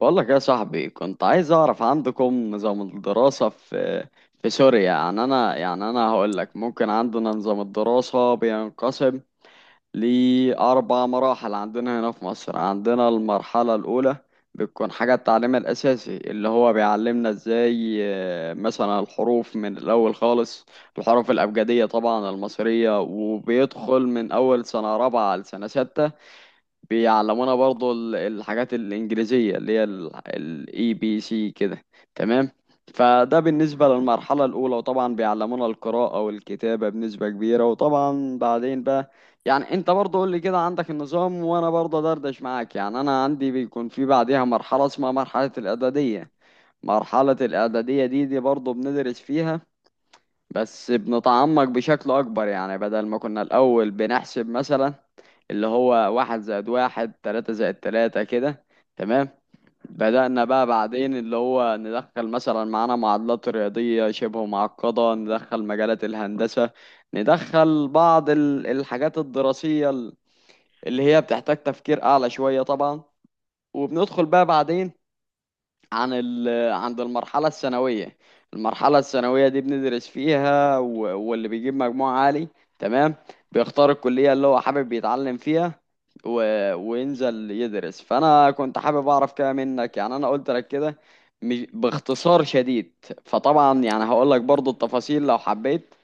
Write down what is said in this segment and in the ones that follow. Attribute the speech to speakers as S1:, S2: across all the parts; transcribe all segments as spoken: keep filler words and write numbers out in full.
S1: بقول لك يا صاحبي، كنت عايز اعرف عندكم نظام الدراسة في في سوريا. يعني انا، يعني انا هقول لك. ممكن عندنا نظام الدراسة بينقسم لأربع مراحل. عندنا هنا في مصر، عندنا المرحلة الأولى بتكون حاجة التعليم الأساسي اللي هو بيعلمنا ازاي، آه، مثلا الحروف من الأول خالص. الحروف الأبجدية طبعا المصرية، وبيدخل من أول سنة رابعة لسنة ستة. بيعلمونا برضو ال- الحاجات الإنجليزية اللي هي الاي بي سي كده. تمام. فده بالنسبة للمرحلة الأولى، وطبعا بيعلمونا القراءة والكتابة بنسبة كبيرة. وطبعا بعدين بقى يعني أنت برضو قول لي كده عندك النظام، وأنا برضو دردش معاك. يعني أنا عندي بيكون في بعدها مرحلة اسمها مرحلة الإعدادية. مرحلة الإعدادية دي دي برضو بندرس فيها، بس بنتعمق بشكل أكبر. يعني بدل ما كنا الأول بنحسب مثلا اللي هو واحد زائد واحد، تلاتة زائد تلاتة كده. تمام. بدأنا بقى بعدين اللي هو ندخل مثلا معانا معادلات رياضية شبه معقدة، ندخل مجالات الهندسة، ندخل بعض ال- الحاجات الدراسية ال- اللي هي بتحتاج تفكير أعلى شوية طبعا. وبندخل بقى بعدين عن ال عند المرحلة الثانوية. المرحلة الثانوية دي بندرس فيها، و- واللي بيجيب مجموع عالي تمام بيختار الكلية اللي هو حابب يتعلم فيها و... وينزل يدرس. فأنا كنت حابب أعرف كده منك. يعني أنا قلت لك كده مش- باختصار شديد. فطبعا يعني هقول لك برضو التفاصيل لو حبيت.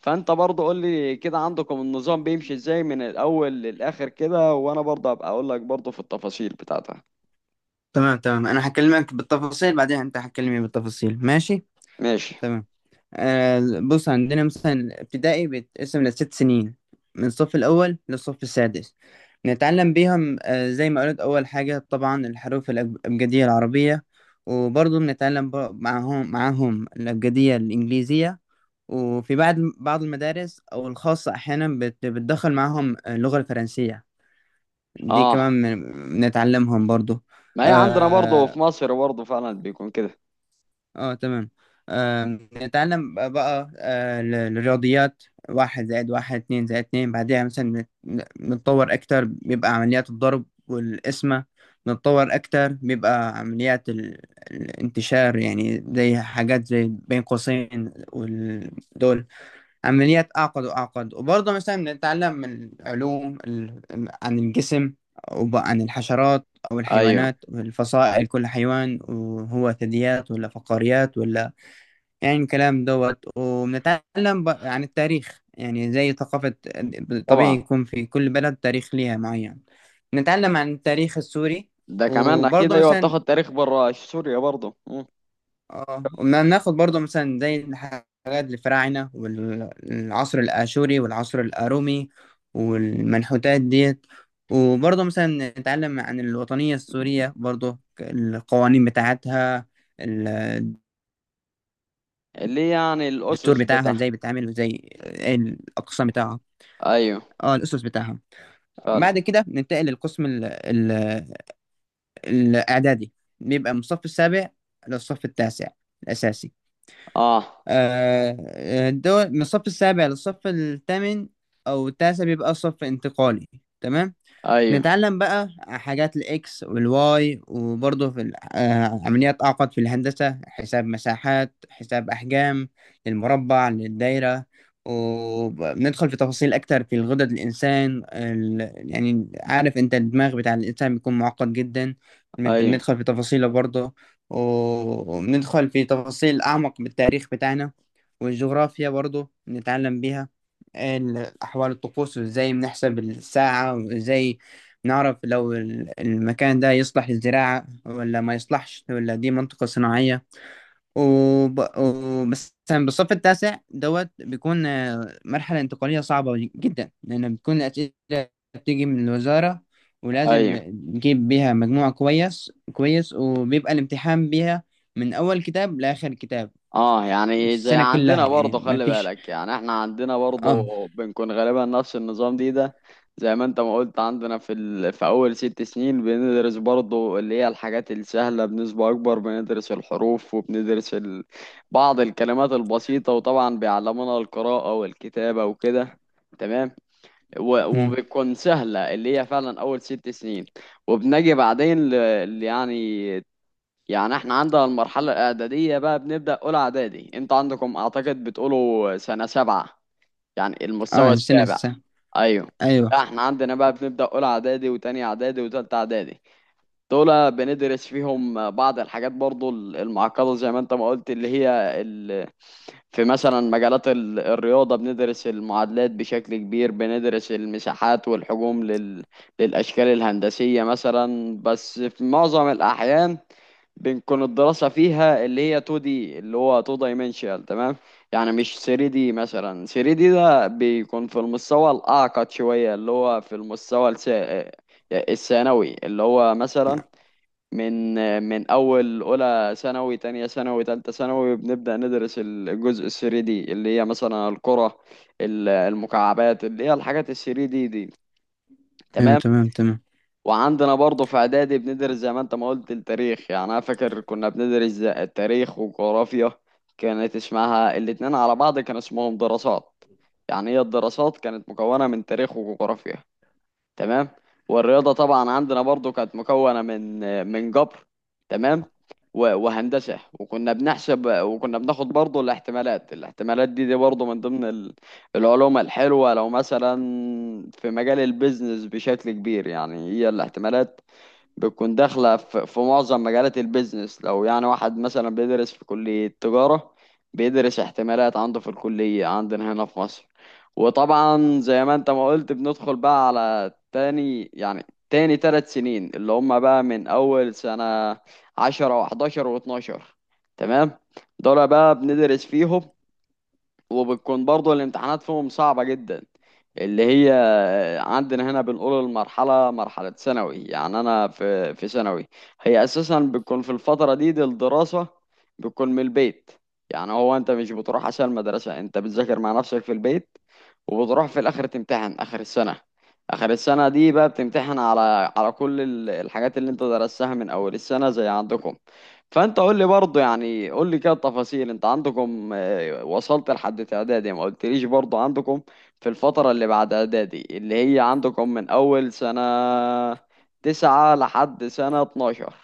S1: فأنت برضو قول لي كده عندكم النظام بيمشي إزاي من الأول للآخر كده، وأنا برضو هبقى أقول لك برضو في التفاصيل بتاعتها.
S2: تمام تمام، انا هكلمك بالتفاصيل بعدين، انت هتكلمني بالتفاصيل، ماشي.
S1: ماشي.
S2: تمام. آه. بص، عندنا مثلا ابتدائي بيتقسم لست سنين، من الصف الاول للصف السادس. نتعلم بيهم، آه زي ما قلت اول حاجه طبعا الحروف الأب- الابجديه العربيه، وبرضه بنتعلم ب- معاهم معاهم الابجديه الانجليزيه. وفي بعض بعض المدارس او الخاصه، احيانا بت- بتدخل معاهم اللغه الفرنسيه، دي
S1: اه،
S2: كمان بن- بنتعلمهم برضه.
S1: ما هي عندنا برضه
S2: آه،
S1: في مصر برضه فعلا بيكون كده.
S2: اه تمام. آم، نتعلم بقى آه، ال- الرياضيات. واحد زائد واحد، اتنين زائد اتنين، بعدها مثلا نت- نتطور أكتر بيبقى عمليات الضرب والقسمة. نتطور أكتر بيبقى عمليات ال- الانتشار، يعني زي حاجات زي بين قوسين ودول، عمليات أعقد وأعقد. وبرضه مثلا بنتعلم من العلوم ال- عن الجسم، وعن الحشرات، أو
S1: ايوه
S2: الحيوانات والفصائل، كل حيوان وهو ثدييات ولا فقاريات ولا يعني الكلام دوت. وبنتعلم ب- عن التاريخ، يعني زي ثقافة. طبيعي
S1: طبعا.
S2: يكون في كل بلد تاريخ ليها معين. نتعلم عن التاريخ السوري.
S1: ده كمان اكيد.
S2: وبرضه
S1: ايوه،
S2: مثلا
S1: بتاخد تاريخ بره سوريا برضه. مم.
S2: اه، وما ناخد برضه مثلا زي الحاجات الفراعنة والعصر الآشوري والعصر الأرومي والمنحوتات ديت. وبرضه مثلا نتعلم عن الوطنية السورية، برضه القوانين بتاعتها، الدستور،
S1: اللي هي يعني الاسس
S2: بتاعها
S1: بتاعها.
S2: ازاي بتتعمل، وازاي ايه الأقسام بتاعها.
S1: ايوه.
S2: اه الأسس بتاعها.
S1: فعلا.
S2: بعد كده ننتقل للقسم ال ال الإعدادي، بيبقى من الصف السابع للصف التاسع الأساسي.
S1: اه،
S2: آه، الدول من الصف السابع للصف الثامن، أو التاسع بيبقى صف انتقالي. تمام.
S1: ايوه.
S2: نتعلم بقى حاجات الاكس والواي، وبرضه في ال- آه، عمليات اعقد في الهندسة، حساب مساحات، حساب احجام، للمربع، للدايرة. وبندخل في تفاصيل اكتر في الغدد الانسان ال... يعني عارف انت الدماغ بتاع الانسان بيكون معقد جدا. بنت-
S1: ايوه.
S2: بندخل في تفاصيله برضه. وبندخل في تفاصيل اعمق بالتاريخ بتاعنا، والجغرافيا برضه بنتعلم بيها، ال- احوال الطقوس، وازاي بنحسب الساعة، وازاي نعرف لو ال- المكان ده يصلح للزراعة ولا ما يصلحش، ولا دي منطقة صناعية. وب... وبس مثلا بالصف التاسع دوت بيكون آه، مرحلة انتقالية صعبة جدا، لأن بتكون الأسئلة بتيجي من الوزارة، ولازم
S1: ايوه.
S2: نجيب بيها مجموع كويس كويس، وبيبقى الامتحان بيها من أول كتاب لآخر كتاب،
S1: اه، يعني زي
S2: السنة كلها
S1: عندنا
S2: يعني،
S1: برضه.
S2: ما
S1: خلي
S2: فيش.
S1: بالك يعني احنا عندنا برضه
S2: اه.
S1: بنكون غالبا نفس النظام دي ده. زي ما انت ما قلت عندنا في ال... في اول ست سنين بندرس برضه اللي هي الحاجات السهلة بنسبة اكبر. بندرس الحروف وبندرس ال... بعض الكلمات البسيطة، وطبعا بيعلمونا القراءة والكتابة وكده. تمام. و...
S2: مم.
S1: وبتكون سهلة اللي هي فعلا اول ست سنين. وبنجي بعدين ل... يعني، يعني احنا عندنا المرحلة الإعدادية بقى بنبدأ أولى إعدادي. انت عندكم أعتقد بتقولوا سنة سبعة، يعني
S2: اه،
S1: المستوى
S2: السنة
S1: السابع.
S2: السنة.
S1: أيوه.
S2: أيوه.
S1: لا، احنا عندنا بقى بنبدأ أولى إعدادي وتانية إعدادي وتالتة إعدادي. دول بندرس فيهم بعض الحاجات برضو المعقدة، زي ما انت ما قلت اللي هي ال... في مثلا مجالات ال- الرياضة بندرس المعادلات بشكل كبير، بندرس المساحات والحجوم لل... للأشكال الهندسية مثلا. بس في معظم الأحيان بنكون الدراسة فيها اللي هي تو دي، اللي هو تو dimensional. تمام. يعني مش ثري دي مثلا. ثري دي ده بيكون في المستوى الأعقد شوية، اللي هو في المستوى الس- الثانوي. اللي هو مثلا من من اول اولى ثانوي، تانية ثانوي، تالتة ثانوي بنبدأ ندرس الجزء ال ثري دي، اللي هي مثلا الكرة، ال- المكعبات، اللي هي الحاجات ال تلاتة دي دي.
S2: أيوه
S1: تمام.
S2: تمام تمام.
S1: وعندنا برضه في اعدادي بندرس زي ما انت ما قلت التاريخ. يعني انا فاكر كنا بندرس زي- التاريخ وجغرافيا، كانت اسمها الاتنين على بعض كان اسمهم دراسات. يعني هي الدراسات كانت مكونة من تاريخ وجغرافيا. تمام. والرياضة طبعا عندنا برضو كانت مكونة من من جبر، تمام، و- وهندسة. وكنا بنحسب وكنا بناخد برضو الاحتمالات. الاحتمالات دي دي برضو من ضمن ال- العلوم الحلوة. لو مثلا في مجال البيزنس بشكل كبير، يعني هي الاحتمالات بتكون داخلة في في معظم مجالات البيزنس. لو يعني واحد مثلا بيدرس في كلية تجارة، بيدرس احتمالات عنده في الكلية عندنا هنا في مصر. وطبعا زي ما انت ما قلت بندخل بقى على تاني، يعني تاني تلات سنين اللي هما بقى من أول سنة عشرة وحداشر واتناشر. تمام. دول بقى بندرس فيهم، وبتكون برضه الامتحانات فيهم صعبة جدا. اللي هي عندنا هنا بنقول المرحلة مرحلة ثانوي. يعني أنا في في ثانوي، هي أساسا بتكون في الفترة دي, دي. الدراسة بتكون من البيت، يعني هو أنت مش بتروح عشان المدرسة، أنت بتذاكر مع نفسك في البيت. وبتروح في الآخر تمتحن آخر السنة. آخر السنة دي بقى بتمتحن على على كل ال- الحاجات اللي أنت درستها من أول السنة زي عندكم. فأنت قول لي برضه، يعني قول لي كده التفاصيل أنت عندكم. ايوه وصلت لحد اعدادي ما قلتليش برضو عندكم في الفترة اللي بعد اعدادي، اللي هي عندكم من اول سنة تسعة لحد سنة اتناشر.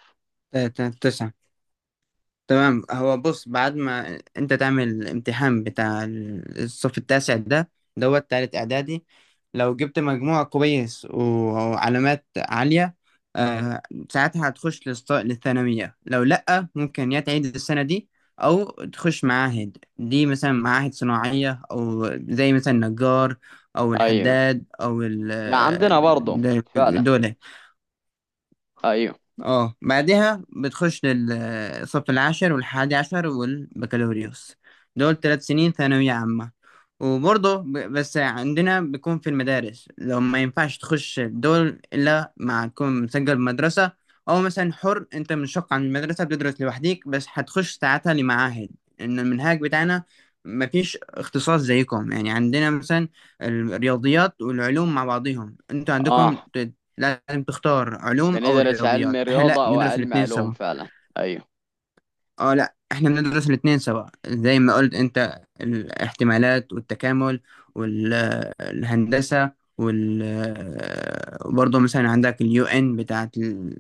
S2: ت- ت- تسعة. تمام، هو بص، بعد ما انت تعمل الامتحان بتاع ال- الصف التاسع ده، دوت تالت اعدادي، لو جبت مجموع كويس و- وعلامات عالية، آه ساعتها هتخش للص- للثانوية. لو لأ، ممكن يا تعيد السنة دي، أو تخش معاهد، دي مثلا معاهد صناعية أو زي مثلا نجار أو
S1: ايوه.
S2: الحداد أو ال-
S1: لا، عندنا برضو فعلا.
S2: دول.
S1: ايوه.
S2: اه، بعدها بتخش للصف العاشر والحادي عشر والبكالوريوس، دول ثلاث سنين ثانوية عامة. وبرضه ب- بس عندنا بيكون في المدارس، لو ما ينفعش تخش دول إلا ما تكون مسجل بمدرسة، أو مثلا حر، أنت منشق عن المدرسة بتدرس لوحديك، بس هتخش ساعتها لمعاهد. إن المنهج بتاعنا مفيش اختصاص زيكم، يعني عندنا مثلا الرياضيات والعلوم مع بعضهم، انتوا عندكم
S1: اه
S2: لازم تختار علوم او
S1: بندرس علم
S2: رياضيات. احنا لا،
S1: رياضة او
S2: بندرس
S1: علم
S2: الاثنين
S1: علوم
S2: سوا.
S1: فعلا. ايوه.
S2: اه لا، احنا بندرس الاثنين سوا، زي ما قلت انت، الاحتمالات والتكامل والهندسة وال برضه مثلا عندك اليو ان بتاعت ال...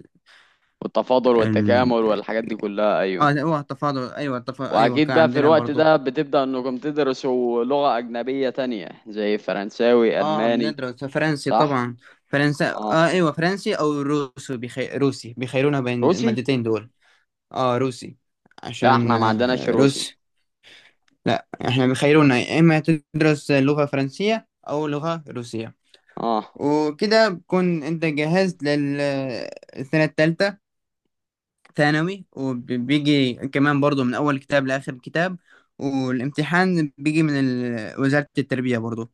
S1: والتفاضل والتكامل
S2: ال...
S1: والحاجات دي كلها،
S2: اه
S1: ايوه.
S2: لا، هو التفاضل ايوه، التفاضل ايوه
S1: واكيد
S2: كان
S1: بقى في
S2: عندنا
S1: الوقت
S2: برضه.
S1: ده بتبدأ انكم تدرسوا لغة اجنبية تانية زي فرنساوي،
S2: اه
S1: الماني.
S2: بندرس فرنسي
S1: صح.
S2: طبعا. فرنسا
S1: اه،
S2: اه ايوه، فرنسي او روسي، بيخي... روسي بيخيرونا بين
S1: روسي.
S2: المادتين دول. اه روسي،
S1: لا
S2: عشان
S1: احنا ما عندناش
S2: آه،
S1: روسي.
S2: روسي. لا، احنا بيخيرونا يا اما تدرس لغة فرنسية او لغة روسية.
S1: اه،
S2: وكده بكون انت جهزت للسنة التالتة ثانوي. وبيجي كمان برضو من اول كتاب لاخر كتاب، والامتحان بيجي من ال- وزارة التربية برضو.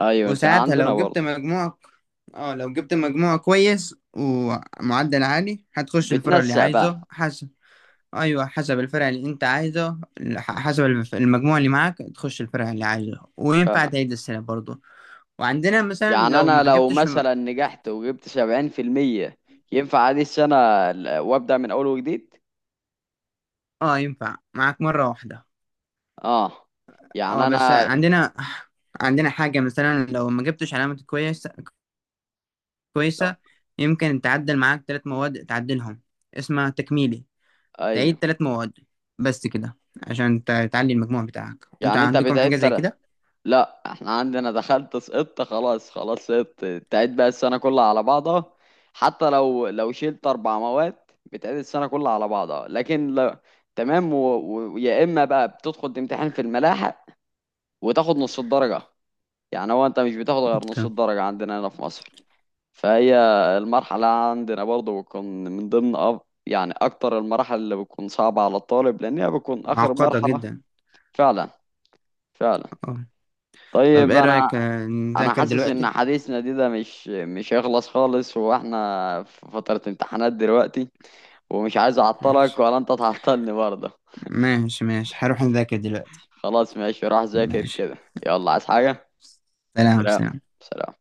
S1: ايوه زي
S2: وساعتها
S1: عندنا
S2: لو جبت
S1: برضه.
S2: مجموع، اه لو جبت مجموع كويس ومعدل عالي هتخش الفرع اللي
S1: بتنسق
S2: عايزه.
S1: بقى.
S2: ايوه حسب الفرع اللي انت عايزه، ح- حسب الف- المجموع اللي معاك تخش الفرع اللي عايزه، وينفع
S1: فعلا.
S2: تعيد السنه برضه. وعندنا مثلا
S1: يعني
S2: لو
S1: انا
S2: ما
S1: لو
S2: جبتش م-
S1: مثلا نجحت وجبت سبعين في المية ينفع عادي السنة ال- وابدأ من اول وجديد.
S2: اه ينفع معاك مره واحده.
S1: اه
S2: اه
S1: يعني
S2: بس
S1: انا.
S2: عندنا، عندنا حاجه مثلا لو ما جبتش علامه كويسه
S1: لا.
S2: كويسه، يمكن تعدل معاك ثلاث مواد تعدلهم، اسمها تكميلي.
S1: ايوه.
S2: تعيد ثلاث مواد، بس كده، عشان ت- تعلي المجموع بتاعك. انتوا
S1: يعني انت
S2: عندكم حاجه
S1: بتعيد
S2: زي
S1: ترى؟
S2: كده؟
S1: لا احنا عندنا دخلت سقطت. خلاص خلاص سقطت، تعيد بقى السنة كلها على بعضها. حتى لو لو شلت اربع مواد بتعيد السنة كلها على بعضها، لكن لا. تمام. ويا اما بقى بتدخل تمتحن في الملاحق وتاخد نص الدرجة. يعني هو انت مش بتاخد غير نص
S2: تمام.
S1: الدرجة عندنا هنا في مصر. فهي المرحلة عندنا برضه بتكون من ضمن أب... يعني أكتر المراحل اللي بتكون صعبة على الطالب، لأن هي بتكون آخر
S2: معقده
S1: مرحلة.
S2: جدا.
S1: فعلا. فعلا.
S2: اه. طب
S1: طيب
S2: ايه
S1: أنا،
S2: رايك آه،
S1: أنا
S2: نذاكر
S1: حاسس إن
S2: دلوقتي؟
S1: حديثنا دي ده مش مش هيخلص خالص، وإحنا في فترة امتحانات دلوقتي، ومش عايز أعطلك
S2: ماشي.
S1: ولا أنت تعطلني برضه.
S2: ماشي ماشي، هروح أذاكر دلوقتي.
S1: خلاص ماشي، روح ذاكر
S2: ماشي.
S1: كده. يلا، عايز حاجة؟
S2: سلام
S1: سلام.
S2: سلام.
S1: سلام.